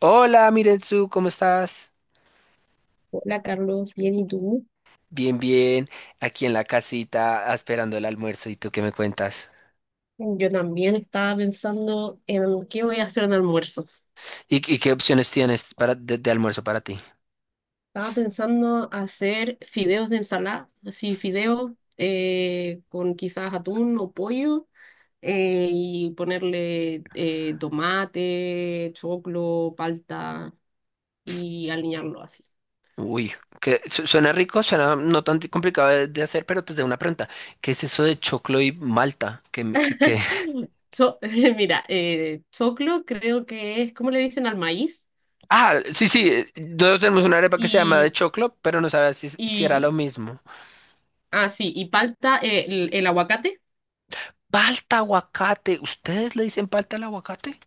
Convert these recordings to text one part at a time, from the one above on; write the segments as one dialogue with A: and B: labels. A: Hola, Mirenzu, ¿cómo estás?
B: Hola Carlos, bien, ¿y tú?
A: Bien, aquí en la casita esperando el almuerzo. ¿Y tú qué me cuentas?
B: Yo también estaba pensando en qué voy a hacer de almuerzo.
A: ¿Y qué opciones tienes de almuerzo para ti?
B: Estaba pensando hacer fideos de ensalada, así fideos con quizás atún o pollo, y ponerle tomate, choclo, palta y aliñarlo así.
A: Uy, suena rico, suena no tan complicado de hacer, pero te tengo una pregunta. ¿Qué es eso de choclo y malta? Qué?
B: So- mira, choclo creo que es, ¿cómo le dicen al maíz?
A: Ah, sí, nosotros tenemos una arepa que se llama de
B: Y,
A: choclo, pero no sabía si era lo
B: y,
A: mismo.
B: ah, sí, y palta, el aguacate,
A: Palta, aguacate, ¿ustedes le dicen palta al aguacate?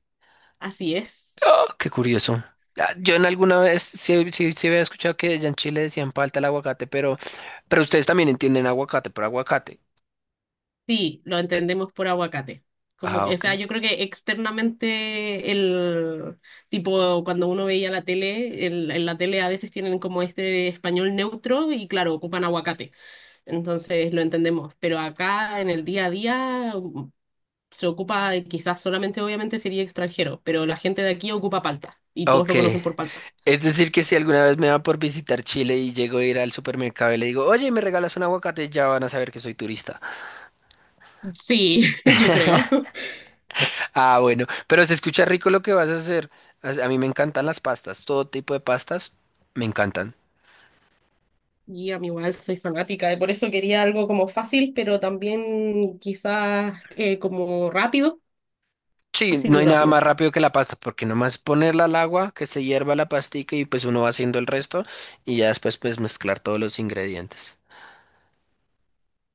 B: así es.
A: Oh, qué curioso. Ah, yo en alguna vez sí, sí había escuchado que allá en Chile decían falta el aguacate, pero ustedes también entienden aguacate por aguacate.
B: Sí, lo entendemos por aguacate. Como
A: Ah,
B: que, o
A: ok.
B: sea, yo creo que externamente el tipo cuando uno veía la tele, en la tele a veces tienen como este español neutro y claro, ocupan aguacate. Entonces lo entendemos, pero acá en el día a día se ocupa quizás solamente obviamente sería extranjero, pero la gente de aquí ocupa palta y todos
A: Ok.
B: lo conocen por palta.
A: Es decir, que si alguna vez me va por visitar Chile y llego a ir al supermercado y le digo, oye, ¿me regalas un aguacate? Ya van a saber que soy turista.
B: Sí, yo creo.
A: Ah, bueno. Pero se escucha rico lo que vas a hacer. A mí me encantan las pastas, todo tipo de pastas me encantan.
B: Y a mí igual soy fanática, y por eso quería algo como fácil, pero también quizás como rápido,
A: Sí,
B: fácil
A: no
B: y
A: hay nada
B: rápido.
A: más rápido que la pasta, porque nomás ponerla al agua, que se hierva la pastica y pues uno va haciendo el resto y ya después pues mezclar todos los ingredientes.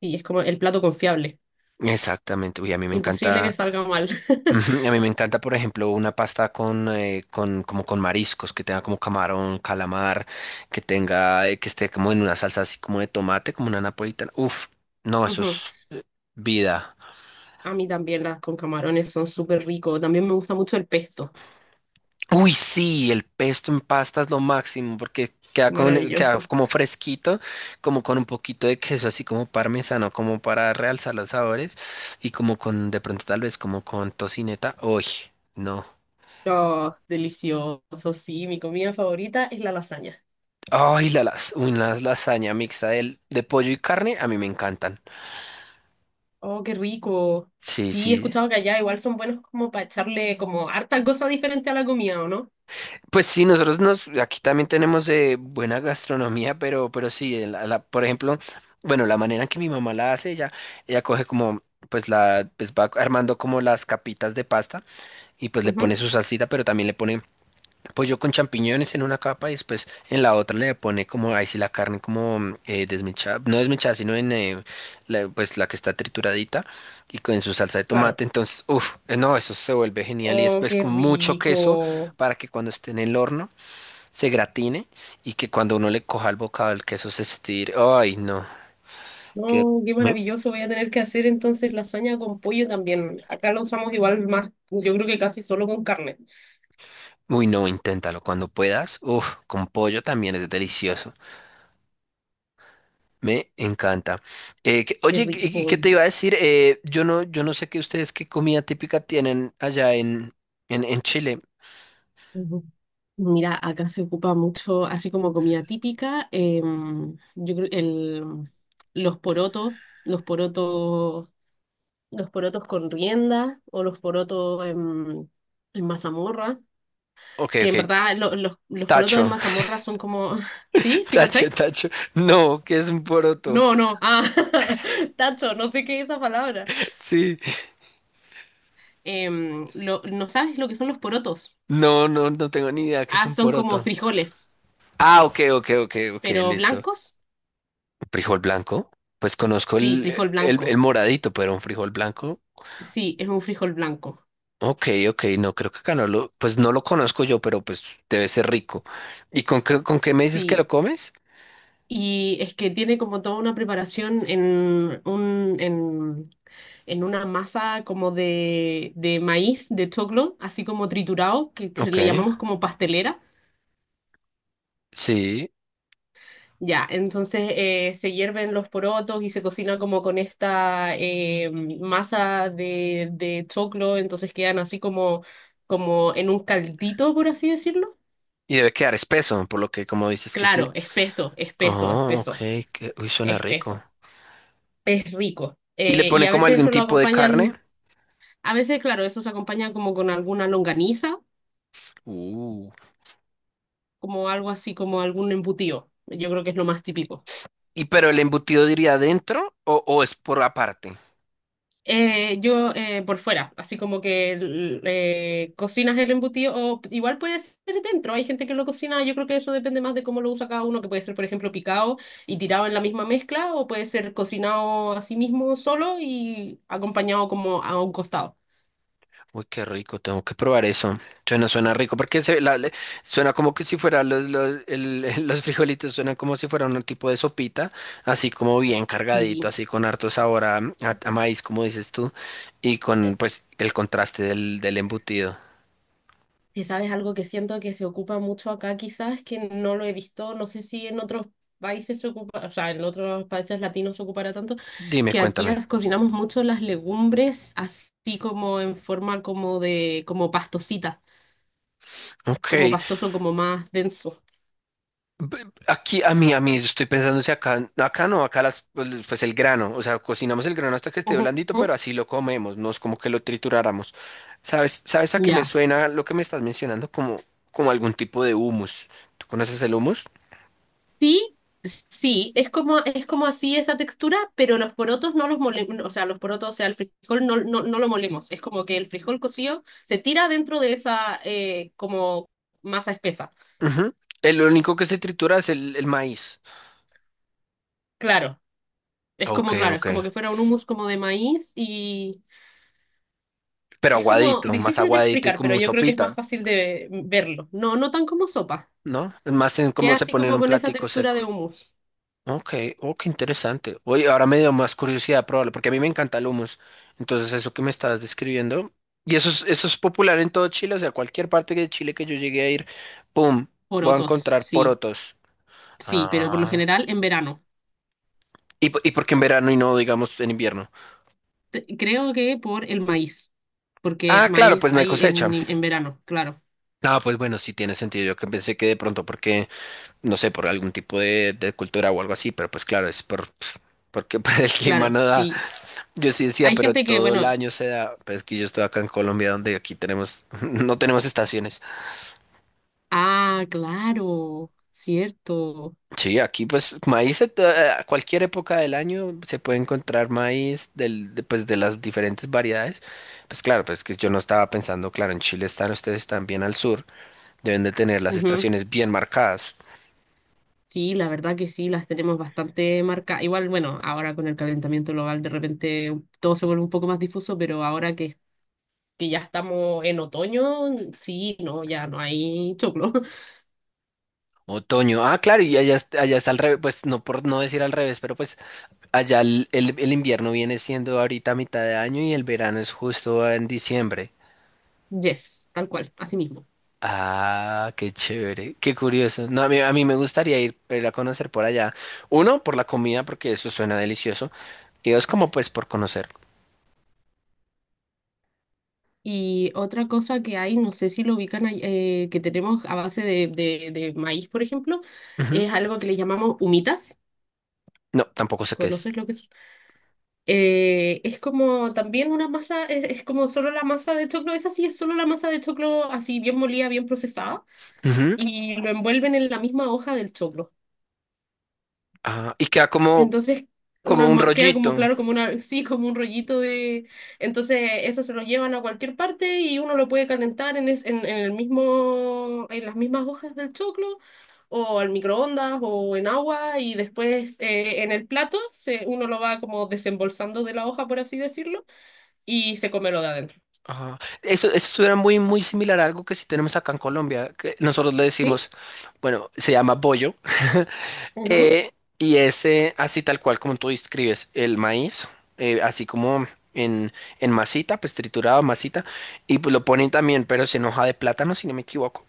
B: Y es como el plato confiable.
A: Exactamente, uy, a mí me
B: Imposible
A: encanta,
B: que salga mal.
A: ujú, a mí me encanta, por ejemplo, una pasta con como con mariscos, que tenga como camarón, calamar, que tenga, que esté como en una salsa así como de tomate, como una napolitana. Uf, no, eso
B: Ujú.
A: es vida.
B: A mí también las con camarones son súper ricos. También me gusta mucho el pesto.
A: Uy, sí, el pesto en pasta es lo máximo porque queda
B: Maravilloso.
A: como fresquito, como con un poquito de queso, así como parmesano, como para realzar los sabores y como de pronto tal vez como con tocineta. Uy, no.
B: Oh, delicioso. Sí, mi comida favorita es la lasaña.
A: Ay, la lasaña mixta de pollo y carne, a mí me encantan.
B: Oh, qué rico.
A: Sí,
B: Sí, he
A: sí.
B: escuchado que allá igual son buenos como para echarle como harta cosa diferente a la comida, ¿o no?
A: Pues sí, nosotros nos, aquí también tenemos buena gastronomía, pero sí, por ejemplo, bueno, la manera en que mi mamá la hace, ella coge como, pues la, pues va armando como las capitas de pasta y pues le pone
B: Ujú.
A: su salsita, pero también le pone pollo con champiñones en una capa y después en la otra le pone como, ahí sí la carne como desmechada, no desmechada, sino en la, pues la que está trituradita y con su salsa de
B: Claro.
A: tomate. Entonces, uff, no, eso se vuelve genial y
B: Oh,
A: después
B: qué
A: con mucho queso
B: rico.
A: para que cuando esté en el horno se gratine y que cuando uno le coja el bocado el queso se estire. Ay, no, que...
B: No, qué
A: me-
B: maravilloso. Voy a tener que hacer entonces lasaña con pollo también. Acá lo usamos igual más, yo creo que casi solo con carne.
A: Uy, no, inténtalo cuando puedas. Uff, con pollo también es delicioso. Me encanta.
B: Qué
A: Oye, qué
B: rico.
A: te iba a decir? Yo no sé qué ustedes qué comida típica tienen allá en Chile.
B: Ujú. Mira, acá se ocupa mucho, así como comida típica, yo creo los porotos, los porotos, los porotos con rienda o los porotos en mazamorra,
A: Ok,
B: que
A: ok.
B: en verdad los porotos en
A: Tacho,
B: mazamorra son como, ¿sí? ¿Sí, cachai?
A: tacho. No, que es un poroto.
B: No, no, ah, tacho, no sé qué es esa palabra.
A: Sí.
B: ¿No sabes lo que son los porotos?
A: No, no tengo ni idea que es
B: Ah,
A: un
B: son como
A: poroto.
B: frijoles,
A: Ah, ok, ok,
B: pero
A: listo.
B: blancos.
A: ¿Frijol blanco? Pues conozco
B: Sí, frijol
A: el
B: blanco.
A: moradito, pero un frijol blanco.
B: Sí, es un frijol blanco.
A: Ok, ok, no, creo que acá no lo, pues no lo conozco yo, pero pues debe ser rico. ¿Y con qué me dices que lo
B: Sí,
A: comes?
B: y es que tiene como toda una preparación un, en, en una masa como de maíz, de choclo, así como triturado, que
A: Ok,
B: le llamamos como pastelera.
A: sí.
B: Ya, entonces se hierven los porotos y se cocina como con esta masa de choclo, entonces quedan así como, como en un caldito, por así decirlo.
A: Y debe quedar espeso, por lo que como dices que sí.
B: Claro, espeso, espeso,
A: Oh, ok,
B: espeso,
A: que, uy, suena rico.
B: espeso. Es rico.
A: ¿Y le
B: Y
A: ponen
B: a
A: como
B: veces
A: algún
B: eso lo
A: tipo de carne?
B: acompañan, a veces, claro, eso se acompaña como con alguna longaniza,
A: Uh.
B: como algo así, como algún embutido. Yo creo que es lo más típico.
A: ¿Y pero el embutido diría adentro o es por aparte?
B: Yo por fuera, así como que cocinas el embutido, o igual puede ser dentro, hay gente que lo cocina, yo creo que eso depende más de cómo lo usa cada uno, que puede ser, por ejemplo, picado y tirado en la misma mezcla, o puede ser cocinado a sí mismo solo y acompañado como a un costado.
A: Uy, qué rico, tengo que probar eso. Suena rico, porque se, suena como que si fueran los frijolitos, suenan como si fuera un tipo de sopita, así como bien cargadito,
B: Sí.
A: así con harto sabor a, a maíz, como dices tú, y con pues el contraste del, del embutido.
B: Que sabes, algo que siento que se ocupa mucho acá, quizás que no lo he visto, no sé si en otros países se ocupa, o sea, en otros países latinos se ocupará tanto,
A: Dime,
B: que aquí
A: cuéntame.
B: cocinamos mucho las legumbres así como en forma como de, como pastosita, como
A: Ok.
B: pastoso, como más denso.
A: Aquí a mí, estoy pensando si acá, acá no, acá las, pues el grano, o sea, cocinamos el grano hasta que esté blandito, pero
B: Ujú.
A: así lo comemos, no es como que lo trituráramos. Sabes a qué me
B: Ya.
A: suena lo que me estás mencionando? Como algún tipo de humus. ¿Tú conoces el humus?
B: Sí, sí, es como así esa textura, pero los porotos no los molemos, o sea, los porotos, o sea, el frijol no lo molemos, es como que el frijol cocido se tira dentro de esa como masa espesa.
A: Ujú. El único que se tritura es el maíz.
B: Claro,
A: Ok,
B: claro, es
A: ok.
B: como que fuera un hummus como de maíz y
A: Pero
B: es como
A: aguadito, más
B: difícil de
A: aguadito y
B: explicar, pero
A: como
B: yo creo que es más
A: sopita,
B: fácil de verlo. No, no tan como sopa,
A: ¿no? Es más en
B: que
A: cómo se
B: así
A: pone en
B: como
A: un
B: con esa
A: platico
B: textura de
A: seco.
B: hummus.
A: Ok, oh, qué interesante. Oye, ahora me dio más curiosidad probarlo, porque a mí me encanta el hummus. Entonces, eso que me estabas describiendo, y eso es popular en todo Chile, o sea, cualquier parte de Chile que yo llegue a ir, ¡pum! Voy a
B: Porotos,
A: encontrar
B: sí,
A: porotos.
B: sí, pero por lo
A: Ah.
B: general en verano.
A: ¿Y, y por qué en verano y no, digamos, en invierno?
B: Creo que por el maíz, porque
A: Ah, claro,
B: maíz
A: pues no hay
B: hay
A: cosecha.
B: en verano, claro,
A: Ah, pues bueno, sí tiene sentido. Yo que pensé que de pronto, porque, no sé, por algún tipo de cultura o algo así, pero pues claro, es por, pf, porque pues, el clima
B: claro,
A: no da.
B: sí.
A: Yo sí decía,
B: Hay
A: pero
B: gente que,
A: todo el
B: bueno,
A: año se da, pues que yo estoy acá en Colombia donde aquí tenemos, no tenemos estaciones.
B: ah, claro, cierto.
A: Sí, aquí pues a cualquier época del año se puede encontrar maíz pues de las diferentes variedades. Pues claro, pues que yo no estaba pensando, claro, en Chile están, ustedes están bien al sur, deben de tener las
B: Ujú.
A: estaciones bien marcadas.
B: Sí, la verdad que sí, las tenemos bastante marcadas. Igual, bueno, ahora con el calentamiento global de repente todo se vuelve un poco más difuso, pero ahora que ya estamos en otoño, sí, no, ya no hay choclo.
A: Otoño, ah, claro, y allá, allá está al revés, pues no por no decir al revés, pero pues allá el invierno viene siendo ahorita a mitad de año y el verano es justo en diciembre.
B: Yes, tal cual, así mismo.
A: Ah, qué chévere, qué curioso. No, a mí me gustaría ir, ir a conocer por allá. Uno, por la comida, porque eso suena delicioso. Y dos, como pues por conocer.
B: Y otra cosa que hay, no sé si lo ubican, ahí, que tenemos a base de, de maíz, por ejemplo,
A: Ujú.
B: es algo que le llamamos humitas.
A: No, tampoco sé qué es.
B: ¿Conoces lo que es? Es como también una masa, es como solo la masa de choclo, esa sí es solo la masa de choclo así bien molida, bien procesada,
A: Ujú.
B: y lo envuelven en la misma hoja del choclo.
A: Ah, y queda como,
B: Entonces,
A: como un
B: queda como
A: rollito.
B: claro, como una, sí, como un rollito de. Entonces, eso se lo llevan a cualquier parte y uno lo puede calentar en el mismo, en las mismas hojas del choclo, o al microondas, o en agua, y después en el plato se, uno lo va como desembolsando de la hoja, por así decirlo, y se come lo de adentro.
A: Ajá. Eso suena muy, muy similar a algo que sí tenemos acá en Colombia, que nosotros le
B: ¿Sí?
A: decimos, bueno, se llama bollo,
B: Ujú.
A: eh, y es así tal cual como tú describes, el maíz, así como en, en masita, pues triturado, masita, y pues lo ponen también, pero es en hoja de plátano, si no me equivoco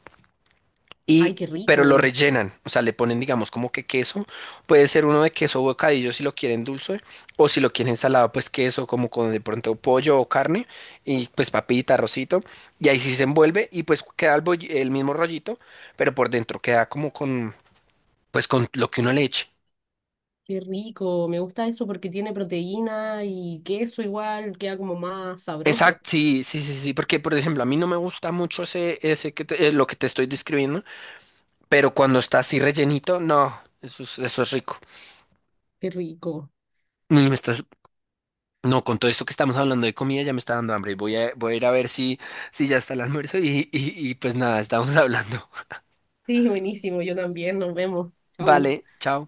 B: Ay,
A: y
B: qué
A: pero lo
B: rico,
A: rellenan, o sea, le ponen, digamos, como que queso, puede ser uno de queso bocadillo si lo quieren dulce, o si lo quieren salado, pues queso, como con de pronto pollo o carne, y pues papita, arrocito, y ahí sí se envuelve, y pues queda el, el mismo rollito, pero por dentro queda como con, pues con lo que uno le eche.
B: qué rico. Me gusta eso porque tiene proteína y queso igual, queda como más sabroso.
A: Exacto, sí, sí, porque por ejemplo, a mí no me gusta mucho ese, lo que te estoy describiendo, pero cuando está así rellenito, no, eso es rico.
B: Qué rico.
A: Mm, Está No, con todo esto que estamos hablando de comida ya me está dando hambre. Voy a ir a ver si, si ya está el almuerzo y pues nada, estamos hablando.
B: Sí, buenísimo, yo también, nos vemos. Chau.
A: Vale, chao.